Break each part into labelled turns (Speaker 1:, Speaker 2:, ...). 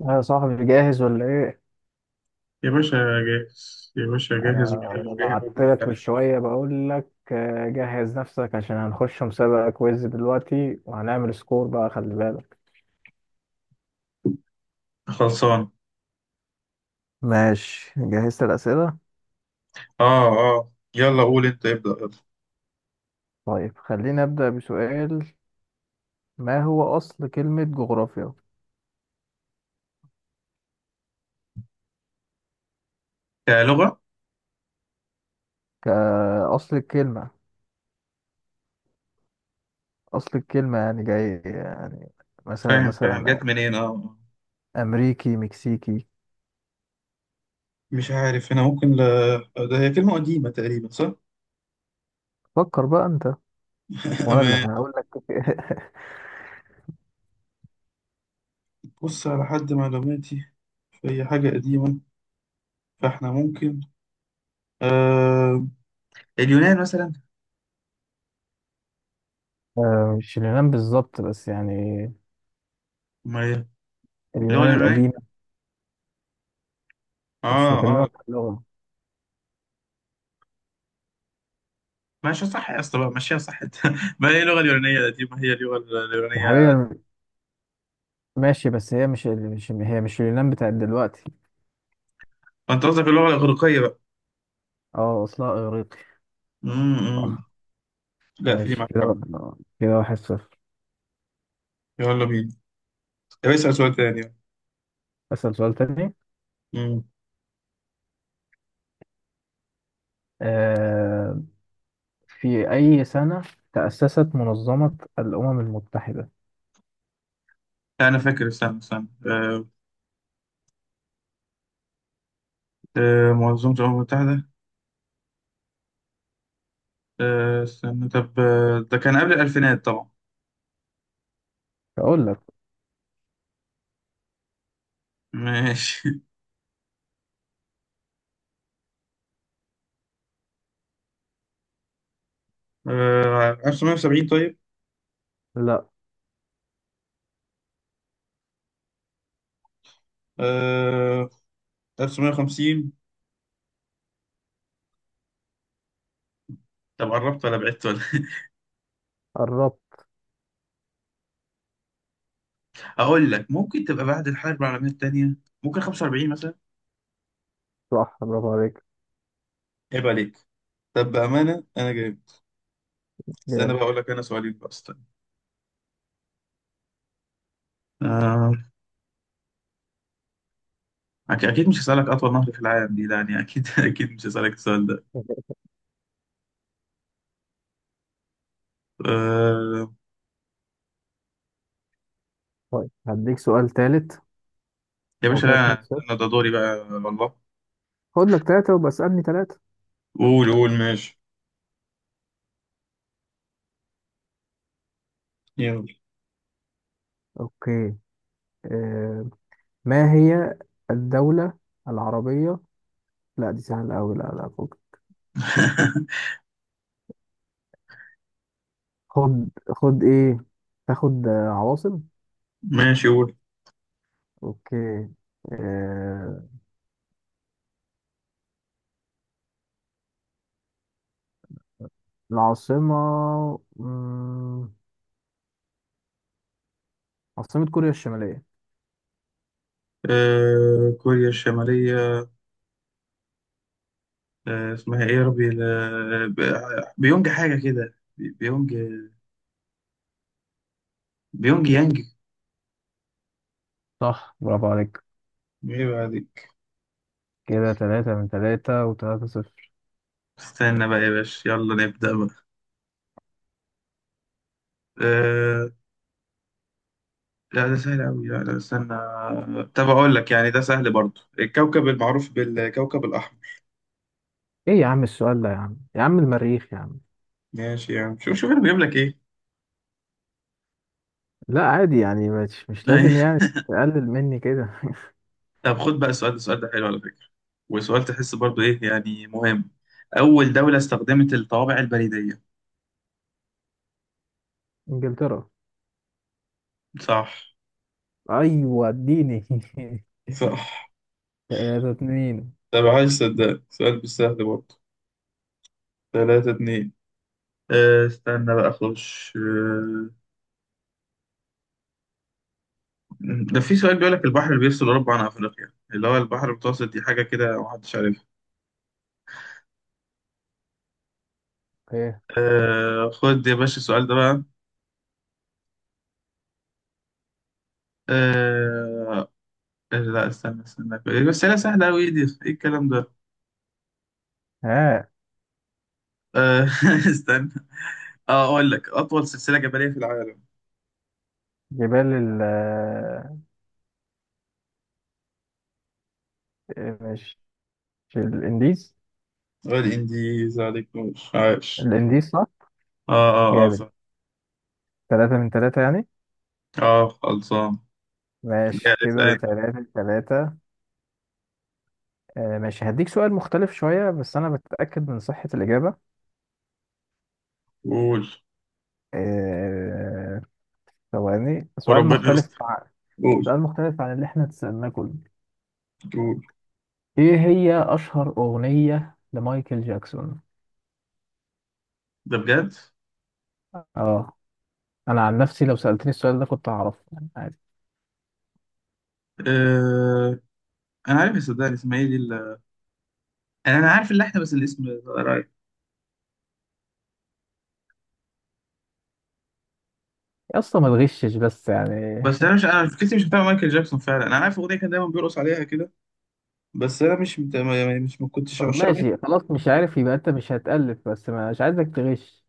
Speaker 1: يا صاحبي، جاهز ولا ايه؟
Speaker 2: يا باشا، جاهز يا باشا، جاهز
Speaker 1: انا
Speaker 2: وجاهز
Speaker 1: بعت لك من
Speaker 2: وجاهز.
Speaker 1: شويه بقول لك جهز نفسك عشان هنخش مسابقه كويز دلوقتي وهنعمل سكور بقى، خلي بالك.
Speaker 2: خلصان.
Speaker 1: ماشي، جهزت الأسئلة.
Speaker 2: اه اه، يلا قول انت ابدأ.
Speaker 1: طيب خلينا أبدأ بسؤال. ما هو أصل كلمة جغرافيا؟
Speaker 2: يلا كلغة.
Speaker 1: كأصل الكلمة. أصل الكلمة يعني جاي يعني. مثلا
Speaker 2: فاهم فاهم،
Speaker 1: مثلا.
Speaker 2: جت منين اه آه.
Speaker 1: أمريكي، مكسيكي.
Speaker 2: مش عارف انا ممكن ده هي كلمة قديمة تقريبا، صح؟
Speaker 1: فكر بقى أنت وأنا اللي
Speaker 2: أمان.
Speaker 1: هقول لك.
Speaker 2: بص، على حد معلوماتي في أي حاجة قديمة فاحنا ممكن آه... اليونان مثلا.
Speaker 1: مش اليونان بالظبط بس يعني.
Speaker 2: ما هي اللغة
Speaker 1: اليونان
Speaker 2: اليونانية.
Speaker 1: القديمة. مش
Speaker 2: اه اه.
Speaker 1: بكلمك عن اللغة
Speaker 2: ماشي، صح يا اسطى بقى، ماشيها صح انت. ما هي اللغة اليونانية دي، ما هي اللغة
Speaker 1: يا
Speaker 2: اليونانية.
Speaker 1: حبيبي. ماشي بس هي مش هي مش اليونان بتاعت دلوقتي.
Speaker 2: انت قصدك اللغة الإغريقية بقى.
Speaker 1: اه اصلها اغريقي.
Speaker 2: أمم.
Speaker 1: صح.
Speaker 2: لا، في دي
Speaker 1: ماشي كده
Speaker 2: معاك.
Speaker 1: كده 1-0.
Speaker 2: يلا بينا. طب اسأل سؤال تاني.
Speaker 1: اسأل سؤال تاني.
Speaker 2: مم.
Speaker 1: آه في أي سنة تأسست منظمة الأمم المتحدة؟
Speaker 2: أنا فاكر، استنى استنى منظمة الأمم المتحدة. استنى، طب ده كان قبل الألفينات طبعا.
Speaker 1: أقول لك.
Speaker 2: ماشي 1970؟ طيب.
Speaker 1: لا،
Speaker 2: آه، 1950. طب قربت ولا بعدت ولا
Speaker 1: قربت.
Speaker 2: أقول لك؟ ممكن تبقى بعد الحرب العالمية التانية، ممكن 45 مثلا.
Speaker 1: صح، برافو عليك.
Speaker 2: عيب عليك. طب بأمانة أنا جايب، استنى
Speaker 1: جامد.
Speaker 2: بقى أقول لك، أنا سؤالين بقى، استنى. آه، أكيد أكيد مش هسألك أطول نهر في العالم دي، يعني أكيد أكيد مش هسألك السؤال ده. آه،
Speaker 1: طيب هديك سؤال تالت.
Speaker 2: يا
Speaker 1: هو
Speaker 2: باشا
Speaker 1: كده اتنين
Speaker 2: لا،
Speaker 1: صفر
Speaker 2: استنى، ده دوري بقى والله.
Speaker 1: خد لك ثلاثة وبقى اسألني ثلاثة.
Speaker 2: قول قول، ماشي. يلا
Speaker 1: أوكي. آه. ما هي الدولة العربية. لا دي سهلة أوي، لا لا، فوق. خد خد إيه. تاخد عواصم.
Speaker 2: ماشي، قول.
Speaker 1: أوكي. آه... العاصمة. مم... عاصمة كوريا الشمالية؟
Speaker 2: آه، كوريا الشمالية. آه، اسمها ايه يا ربي؟ بيونج حاجة كده، بيونج، بيونج يانج.
Speaker 1: صح، برافو عليك.
Speaker 2: ايه بقى دي؟
Speaker 1: كده تلاتة من تلاتة وتلاتة صفر.
Speaker 2: استنى بقى يا باشا، يلا نبدأ بقى. آه لا، ده سهل أوي، لا لا استنى. طب أقول لك، يعني ده سهل برضه، الكوكب المعروف بالكوكب الأحمر.
Speaker 1: إيه يا عم السؤال ده يا عم يا عم، المريخ يا عم.
Speaker 2: ماشي يعني، شوف شوف أنا بجيب لك إيه.
Speaker 1: لا عادي يعني، مش لازم يعني تقلل مني كده.
Speaker 2: طب خد بقى السؤال ده، السؤال ده حلو على فكرة. وسؤال تحس برضو ايه، يعني مهم. أول دولة استخدمت الطوابع البريدية.
Speaker 1: إنجلترا.
Speaker 2: صح
Speaker 1: أيوة اديني.
Speaker 2: صح.
Speaker 1: 3-2.
Speaker 2: طب عايز صدق، سؤال مش سهل برضه. ثلاثة اتنين. استنى بقى أخش. ده في سؤال بيقول لك البحر اللي بيفصل أوروبا عن أفريقيا اللي هو البحر المتوسط، دي حاجة كده محدش عارفها.
Speaker 1: ايه.
Speaker 2: خد يا باشا السؤال ده بقى. أه، لا استنى استنى، بس هي سهلة أوي. إيه دي، إيه الكلام ده؟
Speaker 1: ها.
Speaker 2: أه، استنى. اه، اقول لك اطول سلسله جبليه في العالم.
Speaker 1: جبال ال... آه، مش مش الإنديز.
Speaker 2: والانديز، عليك نور، عاش.
Speaker 1: الانديس صح.
Speaker 2: اه اه اه،
Speaker 1: جامد.
Speaker 2: صح.
Speaker 1: ثلاثة من ثلاثة يعني.
Speaker 2: اه خلصان.
Speaker 1: ماشي
Speaker 2: جاي اسال
Speaker 1: كده
Speaker 2: انت.
Speaker 1: 3-3. آه ماشي، هديك سؤال مختلف شوية بس أنا بتأكد من صحة الإجابة.
Speaker 2: قول،
Speaker 1: آه، ثواني. سؤال
Speaker 2: وربنا
Speaker 1: مختلف
Speaker 2: يستر.
Speaker 1: عن...
Speaker 2: قول
Speaker 1: سؤال مختلف عن اللي احنا تسألناه كله.
Speaker 2: قول.
Speaker 1: إيه هي أشهر أغنية لمايكل جاكسون؟
Speaker 2: ده بجد؟
Speaker 1: اه. أنا عن نفسي لو سألتني السؤال ده كنت هعرفه يعني عادي.
Speaker 2: آه انا عارف صدقني، اسمها ايه دي انا، عارف اللحن بس الاسم رايح.
Speaker 1: يا اسطى ما تغشش بس يعني.
Speaker 2: بس انا فكرتي مش بتاع مايكل جاكسون فعلا، انا عارف الاغنيه، كان دايما بيرقص عليها كده. بس انا مش مت... ما- مش ما كنتش
Speaker 1: طب
Speaker 2: عشان.
Speaker 1: ماشي خلاص، مش عارف يبقى أنت مش هتألف بس مش عايزك تغش.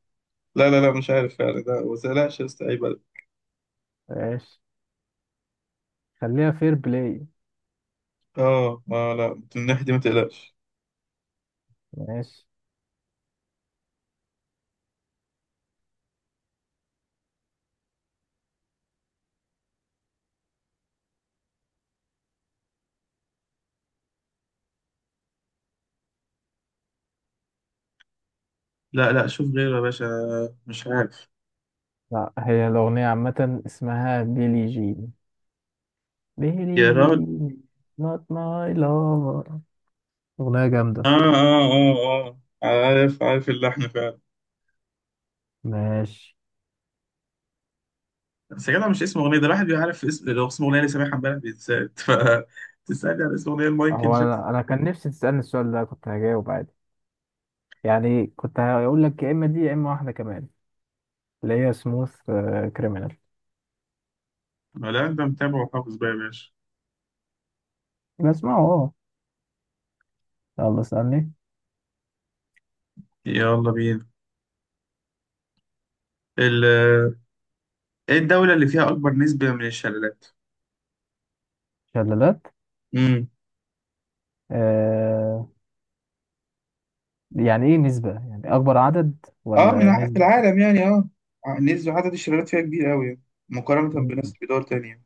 Speaker 2: لا لا لا مش عارف فعلا، لا، ما تقلقش يا اسطى، عيب عليك.
Speaker 1: ماشي. خليها فير بلاي.
Speaker 2: اه ما لا، من الناحيه دي ما تقلقش.
Speaker 1: ماشي.
Speaker 2: لا لا، شوف غيره يا باشا، مش عارف.
Speaker 1: لا، هي الأغنية عامة اسمها بيلي جين.
Speaker 2: يا
Speaker 1: بيلي
Speaker 2: راجل.
Speaker 1: جين. not my lover. أغنية جامدة.
Speaker 2: آه آه آه آه، عارف عارف اللحن فعلا.
Speaker 1: ماشي.
Speaker 2: بس يا جدع، مش اسم أغنية ده، الواحد بيعرف اسم لو اسم أغنية اللي سامعها امبارح بيتسال، ف تسألني على اسم أغنية مايكل
Speaker 1: هو
Speaker 2: جاكسون.
Speaker 1: أنا كان نفسي تسألني السؤال ده كنت هجاوب عادي يعني. كنت هقول لك يا إما دي يا إما واحدة كمان اللي هي سموث كريمينال.
Speaker 2: لا، أنت متابع وحافظ بقى يا باشا.
Speaker 1: بسمعه أه. يلا اسألني.
Speaker 2: يلا بينا. ال... إيه الدولة اللي فيها أكبر نسبة من الشلالات؟
Speaker 1: شلالات.
Speaker 2: امم.
Speaker 1: آه. يعني إيه نسبة، يعني أكبر عدد
Speaker 2: اه،
Speaker 1: ولا
Speaker 2: في
Speaker 1: نسبة؟
Speaker 2: العالم يعني، اه. نسبة عدد الشلالات فيها كبير قوي، يعني مقارنة
Speaker 1: مم.
Speaker 2: بدول تانية.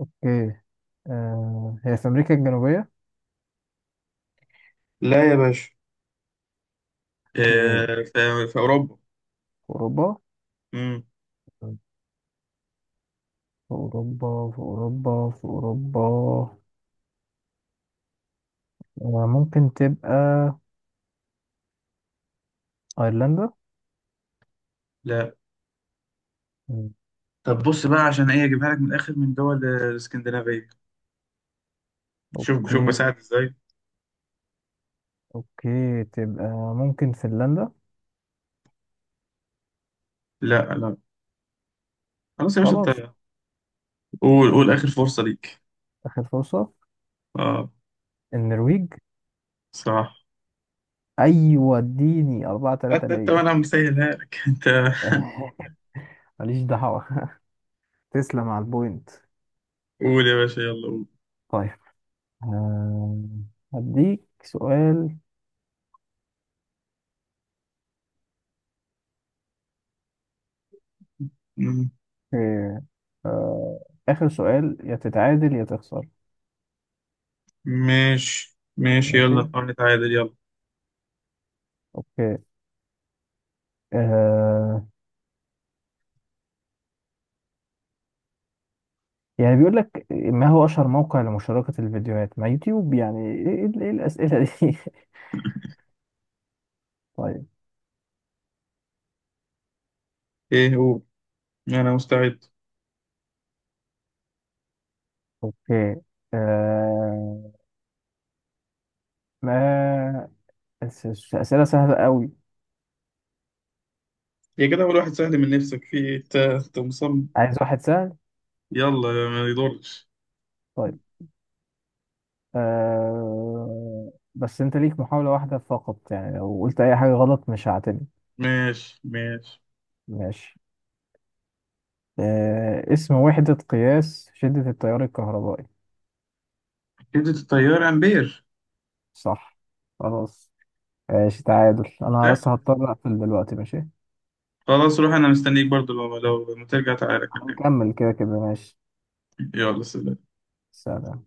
Speaker 1: أوكي. آه هي في أمريكا الجنوبية؟
Speaker 2: لا يا باشا.
Speaker 1: أوكي،
Speaker 2: في أوروبا.
Speaker 1: في أوروبا
Speaker 2: امم.
Speaker 1: في أوروبا في أوروبا. ممكن تبقى أيرلندا.
Speaker 2: لا،
Speaker 1: مم.
Speaker 2: طب بص بقى، عشان ايه اجيبها لك من الاخر، من دول الاسكندنافيه. شوف شوف،
Speaker 1: أوكي.
Speaker 2: بساعد ازاي.
Speaker 1: أوكي تبقى ممكن فنلندا.
Speaker 2: لا لا، خلاص يا باشا انت.
Speaker 1: خلاص.
Speaker 2: قول قول،
Speaker 1: مم.
Speaker 2: اخر فرصه ليك.
Speaker 1: آخر فرصة.
Speaker 2: اه.
Speaker 1: النرويج.
Speaker 2: صح.
Speaker 1: أيوة اديني 4-3
Speaker 2: انت
Speaker 1: ليا.
Speaker 2: وانا مسهلها لك. انت.
Speaker 1: ماليش دعوة. تسلم على البوينت.
Speaker 2: قول يا باشا، يلا قول.
Speaker 1: طيب. آه، هديك سؤال.
Speaker 2: مم.
Speaker 1: آه، آه، آخر سؤال، يا تتعادل يا تخسر.
Speaker 2: ماشي ماشي،
Speaker 1: ماشي.
Speaker 2: يلا نحاول نتعادل، يلا.
Speaker 1: أوكي. آه، يعني بيقول لك ما هو أشهر موقع لمشاركة الفيديوهات؟ ما يوتيوب يعني، إيه إيه الأسئلة دي؟ طيب.
Speaker 2: ايه هو؟ انا مستعد.
Speaker 1: أوكي. آه... ما أسئلة سهلة قوي.
Speaker 2: يا كده اول واحد سهل من نفسك، في ايه انت مصمم؟
Speaker 1: عايز واحد سهل.
Speaker 2: يلا، ما يضرش.
Speaker 1: طيب. بس أنت ليك محاولة واحدة فقط يعني لو قلت أي حاجة غلط مش هعتمد.
Speaker 2: ماشي ماشي.
Speaker 1: ماشي. اسم وحدة قياس شدة التيار الكهربائي.
Speaker 2: كده التيار امبير.
Speaker 1: صح. خلاص. ماشي، تعادل. أنا بس
Speaker 2: سهل.
Speaker 1: هضطر أقفل دلوقتي. ماشي.
Speaker 2: خلاص روح، انا مستنيك برضو. لو ما ترجع تعالى كلمني.
Speaker 1: هنكمل كده كده، ماشي.
Speaker 2: يلا سلام
Speaker 1: سلام.